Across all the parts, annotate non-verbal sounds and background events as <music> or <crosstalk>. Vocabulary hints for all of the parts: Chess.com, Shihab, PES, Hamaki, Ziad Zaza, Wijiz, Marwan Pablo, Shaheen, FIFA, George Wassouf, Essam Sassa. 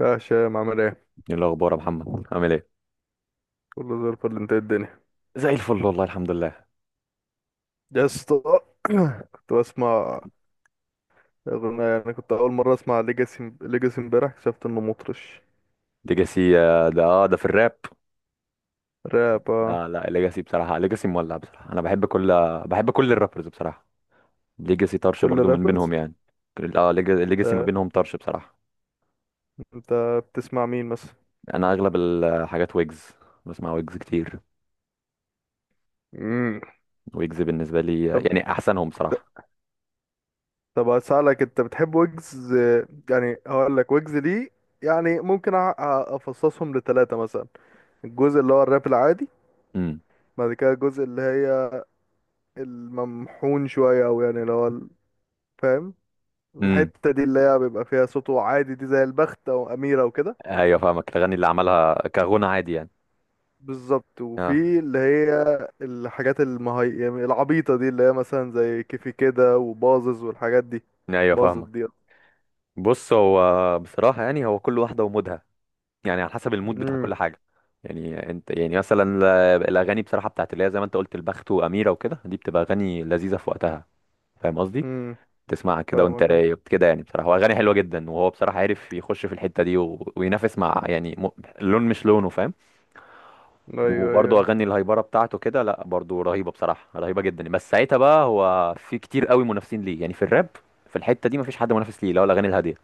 يا هشام عامل ايه؟ ايه الاخبار يا محمد عامل ايه؟ كله زي الفل، انت ايه الدنيا؟ زي الفل والله، الحمد لله. يا اسطى. <clears throat> كنت بسمع اغنية، انا كنت اول مرة اسمع ليجاسي. ليجاسي امبارح اكتشفت انه مطرش. ليجاسي ده ده في الراب. راب، اه. لا لا ليجاسي بصراحه، ليجاسي مولع بصراحه، انا بحب كل الرابرز بصراحه. ليجاسي طرش كل برضو من بينهم رابرز. يعني. ليجاسي ما انت بينهم طرش بصراحه. انت بتسمع مين مثلا؟ يعني انا اغلب الحاجات ويجز، بسمع ويجز كتير. مم. ويجز بالنسبه لي طب يعني احسنهم بصراحه. طب هسألك، انت بتحب ويجز؟ اه، يعني هقول لك ويجز دي، يعني ممكن افصصهم لثلاثة مثلا. الجزء اللي هو الراب العادي، امم بعد كده الجزء اللي هي الممحون شوية، او يعني اللي هو فاهم؟ امم، الحتة دي اللي هي بيبقى فيها صوته عادي دي، زي البخت أو أميرة وكده. ايوه فاهمك، الاغاني اللي عملها كغنى عادي يعني. بالظبط. اه وفي اللي هي الحاجات يعني العبيطة دي اللي هي مثلا زي كيفي كده وبازز والحاجات دي. ايوه باظت فاهمك. دي. بص هو بصراحه يعني هو كل واحده ومودها، يعني على حسب المود بتاع امم. كل حاجه. يعني انت يعني الاغاني بصراحه بتاعت اللي هي زي ما انت قلت البخت واميره وكده، دي بتبقى اغاني لذيذه في وقتها، فاهم قصدي؟ امم. تسمعها كده وانت فاهمك، اه. رايق كده يعني بصراحه، واغاني حلوه جدا، وهو بصراحه عارف يخش في الحته دي وينافس مع لون مش لونه، فاهم؟ ايوه، ايوه، وبرضه ايوه. اغاني الهيبره بتاعته كده لا برضه رهيبه بصراحه، رهيبه جدا، بس ساعتها بقى هو في كتير قوي منافسين ليه يعني في الراب. في الحته دي مفيش حد منافس ليه، اللي هو الاغاني الهاديه،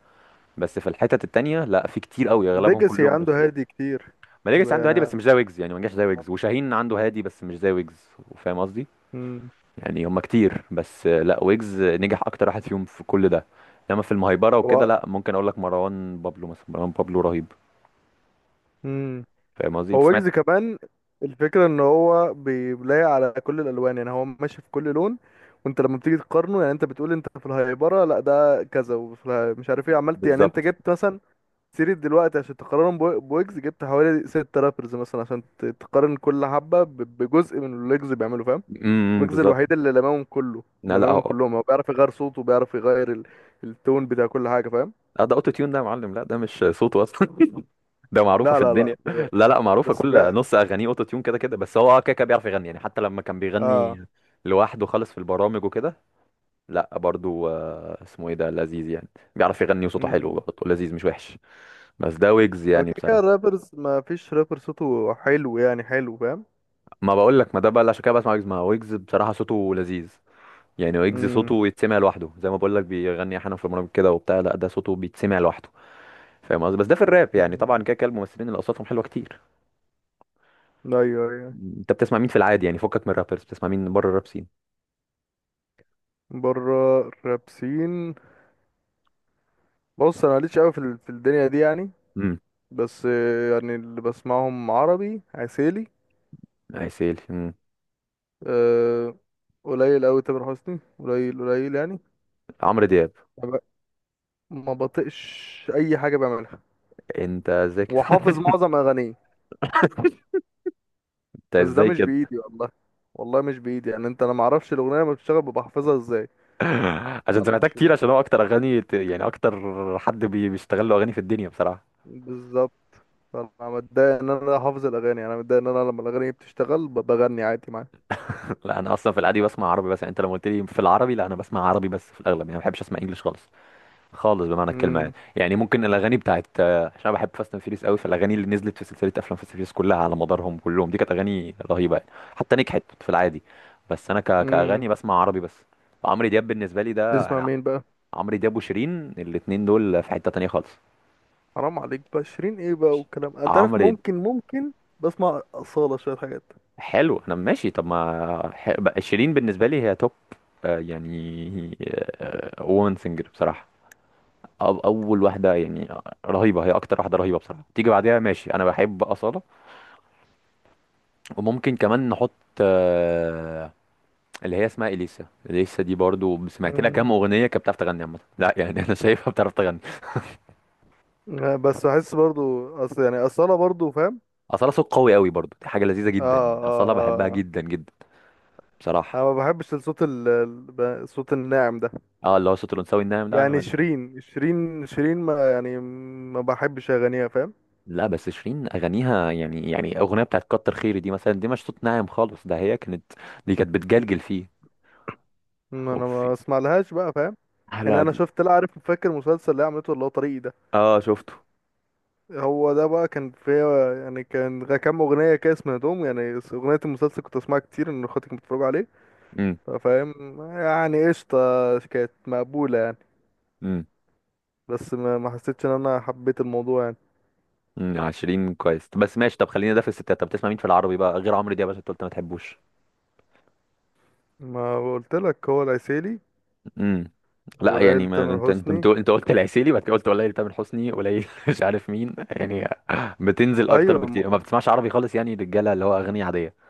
بس في الحتت التانيه لا، في كتير قوي اغلبهم ديجاسي كلهم عنده منافسين. هادي كتير. ماليجيس زي عنده هادي بس انا. مش زي ويجز، يعني ما نجحش زي ويجز، وشاهين عنده هادي بس مش زي ويجز، فاهم قصدي؟ امم. يعني هما كتير بس لا ويجز نجح اكتر واحد فيهم في كل ده. انما في المهيبره وكده لا، ممكن اقول لك مروان بابلو مثلا، مروان بابلو رهيب، هو فاهم قصدي؟ انت هو ويجز سمعت؟ كمان. الفكرة ان هو بيلاقي على كل الالوان، يعني هو ماشي في كل لون. وانت لما بتيجي تقارنه، يعني انت بتقول انت في الهيبرة لا ده كذا، مش عارف ايه عملت، يعني انت بالظبط. جبت مثلا سيرة دلوقتي عشان تقارنهم بويجز، جبت حوالي ست رابرز مثلا عشان تقارن كل حبة بجزء من اللي ويجز بيعمله، فاهم؟ إمم، ويجز بالظبط. الوحيد اللي لمامهم كله لا لا لمامهم هو كلهم، هو بيعرف يغير صوته وبيعرف يغير التون بتاع كل حاجة، فاهم؟ ده اوتو تيون ده يا معلم، لا ده مش صوته اصلا. <laughs> ده معروفه لا، في لا، لا، الدنيا. لا لا، معروفه بس كل نص اغانيه اوتو تيون كده كده، بس هو كده كده بيعرف يغني يعني، حتى لما كان اه. بيغني لوحده خالص في البرامج وكده. لا برضو اسمه ايه ده، لذيذ يعني، بيعرف يغني وصوته حلو برضه، لذيذ مش وحش. بس ده ويجز هو يعني كده كده بصراحه. الرابرز، ما فيش رابر صوته حلو، يعني حلو، فاهم؟ ما بقول لك، ما ده بقى اللي عشان كده بسمع ويجز، ما هو ويجز بصراحه صوته لذيذ. يعني ويجز امم. صوته يتسمع لوحده، زي ما بقول لك بيغني احيانا في برامج كده وبتاع، لا ده صوته بيتسمع لوحده، فاهم قصدي؟ بس ده في الراب يعني، طبعا أمم. كده كده الممثلين اللي اصواتهم حلوه كتير. ايوه، ايوه. انت بتسمع مين في العادي يعني، فكك من الرابرز، بتسمع مين بره الراب سين؟ بره الرابسين. بص، انا ماليش قوي في الدنيا دي يعني. امم. بس يعني اللي بسمعهم عربي عسيلي. عسيل، امم. أه. قليل قوي تامر حسني، قليل قليل يعني. عمرو دياب. ما ب- ما بطقش اي حاجه بعملها. انت ازاي كده؟ وحافظ معظم اغانيه. <laughs> انت بس ده ازاي مش كده؟ بايدي والله. والله مش بايدي، يعني انا ما اعرفش الاغنيه لما بتشتغل ببقى حافظها ازاي. <laughs> عشان سمعتها معرفش كتير، بقى. عشان هو اكتر اغاني ت- يعني اكتر حد بيشتغل له اغاني في الدنيا بصراحه. بالظبط. انا متضايق ان انا حافظ الاغاني، انا متضايق ان انا لما الاغاني بتشتغل بغني عادي معاها. <laughs> لا انا اصلا في العادي بسمع عربي بس، يعني انت لما قلت لي في العربي، لا انا بسمع عربي بس في الاغلب يعني، ما بحبش اسمع انجلش خالص، خالص بمعنى الكلمه يعني. امم. يعني ممكن الاغاني بتاعت عشان أنا بحب فاست اند فيريس قوي، فالاغاني اللي نزلت في سلسله افلام فاست اند فيريس كلها على مدارهم كلهم، دي كانت اغاني رهيبه يعني، حتى نجحت في العادي. بس انا امم. كاغاني بسمع عربي بس. عمرو دياب بالنسبه لي ده تسمع انا، مين بقى؟ عمرو دياب وشيرين الاتنين دول في حته تانيه خالص. حرام عليك بقى، شيرين ايه بقى والكلام، انت عارف، عمرو ممكن. بسمع اصاله شويه حاجات. حلو، انا ماشي. طب ما ح- بقى شيرين بالنسبه لي هي توب، يعني وومن سينجر بصراحه، اول واحده يعني، رهيبه، هي اكتر واحده رهيبه بصراحه. تيجي بعديها ماشي انا بحب اصاله، وممكن كمان نحط آه، اللي هي اسمها اليسا، اليسا دي برضو سمعت لها امم، كام اغنيه كانت بتعرف تغني عامه لا يعني، <laughs> انا شايفها بتعرف تغني. بس احس برضو اصل يعني اصاله برضو، فاهم؟ اصاله صوت قوي قوي برضو، دي حاجه لذيذه اه، جدا يعني، اصاله بحبها اه، اه. جدا جدا انا بصراحه. ما بحبش الصوت الناعم ده. اه اللي هو صوت الانثوي الناعم ده انا. يعني شيرين، ما يعني ما بحبش اغانيها، فاهم؟ لا بس شيرين اغانيها يعني، يعني اغنيه بتاعت كتر خيري دي مثلا، دي مش صوت ناعم خالص ده، هي كانت، دي كانت بتجلجل فيه. ما انا وفي ما اسمع لهاش بقى، فاهم؟ احلى يعني د- انا شفت، لا، عارف فاكر المسلسل اللي هي عملته اللي هو طريقي ده. اه شفته. هو ده بقى كان فيه، يعني كان كام اغنيه كده سمعتهم يعني اغنيه المسلسل كنت اسمعها كتير ان اخواتي كانوا بيتفرجوا عليه. امم، فاهم؟ يعني قشطه. كانت مقبوله يعني. امم، بس ما حسيتش ان انا حبيت الموضوع يعني. امم، شيرين كويس بس ماشي، طب خلينا ده في الستات، طب بتسمع مين في العربي بقى غير عمرو دياب عشان انت قلت ما تحبوش؟ ما قلت لك هو العسيلي. امم. لا يعني وليال ما تامر انت، انت حسني. بتقول انت قلت العسيلي، بعد كده قلت قليل تامر حسني قليل، <laughs> مش عارف مين يعني بتنزل اكتر، ايوه، بكتير ما بتسمعش عربي خالص يعني، رجاله اللي هو اغاني عاديه.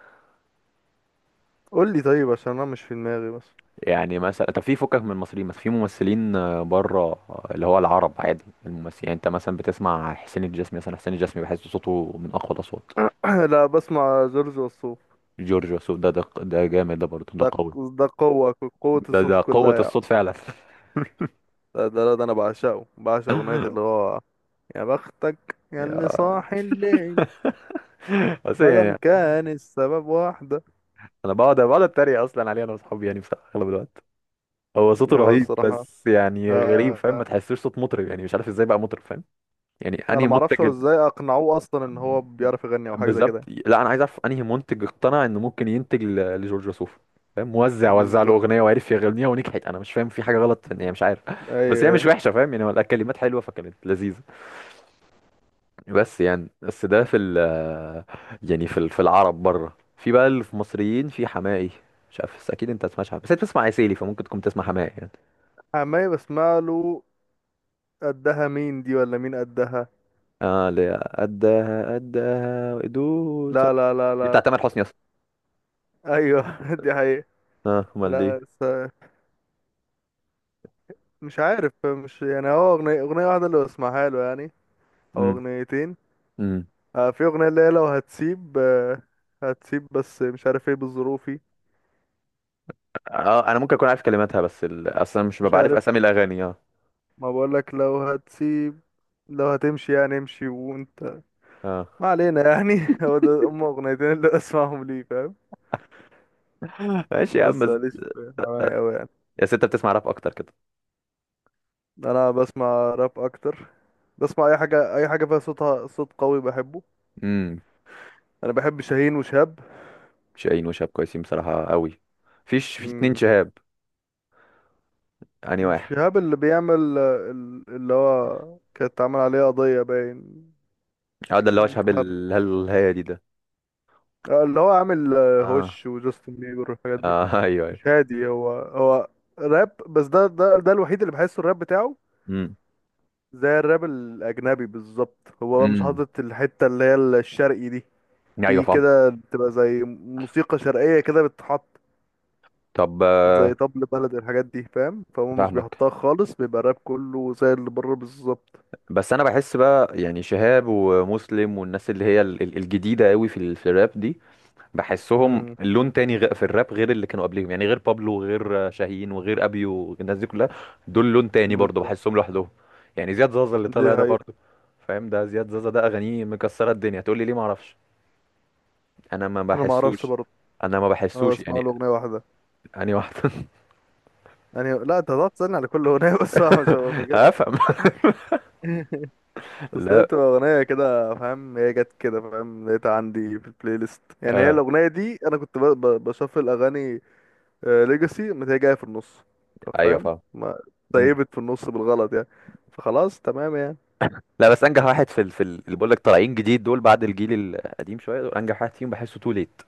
قول لي طيب عشان انا مش في دماغي بس. يعني مثلا طب في فكك من المصريين، مثلا في ممثلين بره اللي هو العرب، عادي الممثل يعني، انت مثلا بتسمع حسين الجسمي، مثلا حسين الجسمي بحس صوته من اقوى الاصوات. <clears throat> لا، بسمع جورج وسوف. جورج وسوف ده ده ده جامد، ده برضه ده ده قوي، ده قوة، قوة ده الصوت ده قوة كلها يعني. الصوت فعلا. <laughs> ده أنا بعشقه، بعشق أغنية اللي هو يا بختك يا اللي يا- صاحي الليل، بس مادام يعني كان السبب واحدة. انا بقعد بقعد اتريق اصلا عليه انا واصحابي يعني بصراحة اغلب الوقت. هو صوته هو رهيب الصراحة، بس يعني غريب، فاهم؟ آه، ما تحسوش صوت مطرب يعني، مش عارف ازاي بقى مطرب، فاهم؟ يعني أنا انهي معرفش منتج. هو إزاي أقنعوه أصلا إن هو بيعرف يغني أو حاجة زي بالظبط. كده. لا انا عايز اعرف انهي منتج اقتنع انه ممكن لجورج وسوف، فاهم؟ موزع وزع له بالظبط. اغنيه وعرف يغنيها ونجحت، انا مش فاهم في حاجه غلط في ان هي مش عارف، أيوه، <laughs> بس هي مش أيوه. وحشه، فاهم يعني؟ الكلمات حلوه فكانت لذيذه. بس يعني، بس ده في ال، يعني في العرب بره، في بقى اللي في مصريين في حماقي. مش عارف، بس اكيد انت ما تسمعش حماقي، بس انت بتسمع عسيلي فممكن تكون تسمع حماقي يعني. حماية بسمع له. قدها مين دي ولا مين قدها؟ اه اللي هي قدها قدها وقدوها، لا، لا، لا، دي لا، لا. بتاعت تامر حسني اصلا. أيوه. <laughs> دي حقيقة. اه امال دي؟ لا، مش عارف، مش يعني، هو أغنية واحدة اللي بسمعها له يعني، أو أغنيتين. امم. آه، في أغنية اللي هي لو هتسيب، آه، هتسيب، بس مش عارف ايه بظروفي. اه انا ممكن اكون عارف كلماتها بس اصلا مش مش ببقى عارف عارف. اسامي الاغاني. اه، ما بقولك، لو هتسيب، لو هتمشي يعني امشي وانت. اه ما علينا يعني. <laughs> هو ده هم اغنيتين اللي اسمعهم ليه، فاهم؟ <laughs> ماشي يا عم بس بس. ماليش في حماية اوي يعني. يا ست بتسمع راب اكتر كده؟ انا بسمع راب اكتر. بسمع اي حاجة، اي حاجة فيها صوتها صوت قوي بحبه. امم. انا بحب شاهين وشهاب. شاهين وشهاب كويسين بصراحه قوي. فيش في اتنين مم. شهاب يعني واحد؟ شهاب اللي بيعمل اللي هو كانت عامل عليه قضية باين اه ده اللي هو إنه شهاب متحرك، الهي دي ده. اللي هو عامل اه، هوش وجاستن بيبر والحاجات دي. اه <laughs> ايوه ايوه. مش هادي، هو هو راب، بس ده الوحيد اللي بحسه الراب بتاعه امم، زي الراب الأجنبي بالظبط. هو بقى مش امم، حاطط الحتة اللي هي الشرقي دي، ايوه في فاهم. كده بتبقى زي موسيقى شرقية كده بتتحط، طب زي طبل بلد الحاجات دي فاهم، فهو مش فاهمك. بيحطها خالص، بيبقى الراب كله زي اللي بره بالظبط. بس انا بحس بقى يعني شهاب ومسلم والناس اللي هي الجديده قوي في في الراب دي، بحسهم امم. لون تاني في الراب غير اللي كانوا قبليهم، يعني غير بابلو وغير شاهين وغير ابيو والناس دي كلها، دول لون تاني برضه بالظبط. بحسهم لوحدهم. يعني زياد زازا اللي دي طالع ده حقيقة. برضه، فاهم؟ ده زياد زازا ده اغانيه مكسره الدنيا، تقول لي ليه ما اعرفش، انا ما أنا ما أعرفش بحسوش، برضه. انا ما أنا بحسوش بسمع يعني. له أغنية واحدة. اني واحد. <laughs> يعني لا، أنت هتقعد تسألني على كل أغنية، <laughs> بس أنا مش هبقى فاكرها. افهم. <laughs> <laughs> اصل هي لا، بتبقى اغنيه كده فاهم، هي جت كده فاهم، لقيتها عندي في البلاي ليست، يعني هي آه. الاغنيه دي انا كنت بشفل اغاني، ليجاسي ما هي جايه في النص، ايوه فاهم فاهم. ما مم. طيبت في النص بالغلط يعني، فخلاص تمام يعني. لا بس انجح واحد اللي بقول لك طالعين جديد دول بعد الجيل القديم شويه، دول انجح واحد فيهم بحسه تو ليت.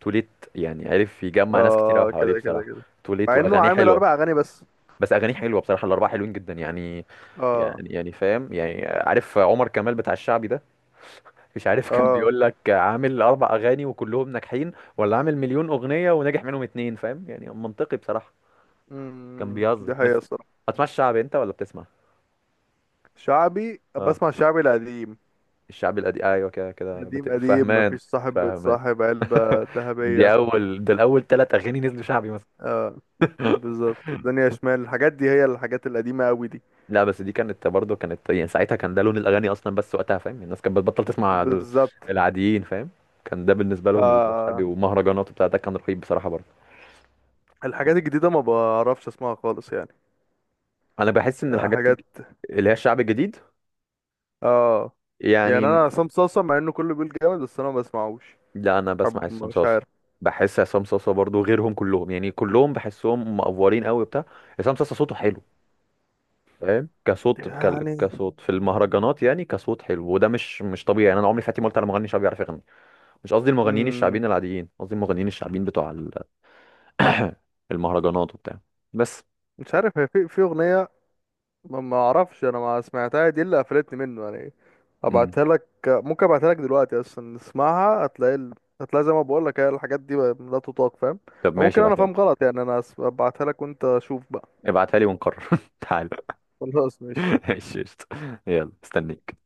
تو ليت يعني عرف يجمع ناس كتير قوي اه، حواليه كده كده بصراحه. كده، تو ليت مع انه واغانيه عامل حلوه. اربع اغاني بس. بس اغانيه حلوه بصراحه، الاربعه حلوين جدا يعني. اه. يعني يعني فاهم يعني، عارف عمر كمال بتاع الشعبي ده؟ مش عارف، كان اه، بيقول لك عامل اربع اغاني وكلهم ناجحين، ولا عامل مليون اغنيه وناجح منهم اتنين، فاهم يعني؟ منطقي بصراحه. كان امم، بيهزر دي بس. حقيقه الصراحه. هتسمع الشعبي انت ولا بتسمع؟ شعبي، اه بسمع شعبي القديم. الشعبي القديم ايوه كده كده قديم قديم، فهمان. مفيش صاحب فهمان. بيتصاحب، علبه <laughs> دي ذهبيه. اول، ده الاول ثلاث اغاني نزلوا شعبي مثلا. آه. بالظبط، الدنيا شمال، الحاجات دي هي الحاجات القديمة قوي دي. لا بس دي كانت برضه، كانت يعني ساعتها كان ده لون الاغاني اصلا بس وقتها، فاهم؟ الناس كانت بتبطل تسمع بالظبط. العاديين، فاهم؟ كان ده بالنسبه لهم الشعبي آه، ومهرجانات وبتاع ده كان رهيب بصراحه برضه. الحاجات الجديدة ما بعرفش اسمعها خالص يعني. انا بحس ان آه، الحاجات حاجات. اللي هي الشعب الجديد اه. يعني يعني. انا عصام صاصا مع انه كله بيقول جامد بس انا ما بسمعوش. لا انا بسمع حب، عصام مش صاصا، عارف بحس عصام صاصا برضه غيرهم كلهم، يعني كلهم بحسهم مقفورين قوي بتاع. عصام صاصا صوته حلو، فاهم؟ كصوت يعني. كصوت في المهرجانات، يعني كصوت حلو، وده مش مش طبيعي يعني، انا عمري في حياتي ما قلت على مغني شعبي بيعرف يغني. مش قصدي المغنيين مم. الشعبيين العاديين، قصدي المغنيين الشعبيين بتوع <coughs> <clears throat> المهرجانات وبتاع، بس. مش عارف، هي في اغنية، ما اعرفش انا ما سمعتها دي اللي قفلتني منه يعني. مم. ابعتها لك، ممكن ابعتها لك دلوقتي، اصلا اسمعها هتلاقي هتلاقي، زي ما بقول لك، هي الحاجات دي لا تطاق، فاهم؟ طب أو ماشي ممكن انا ابعتها لي، فاهم غلط يعني، انا ابعتها لك وانت شوف بقى. ابعتها لي ونقرر. <laughs> تعال. خلاص ماشي. <laughs> ماشي قشطة. يلا استنيك.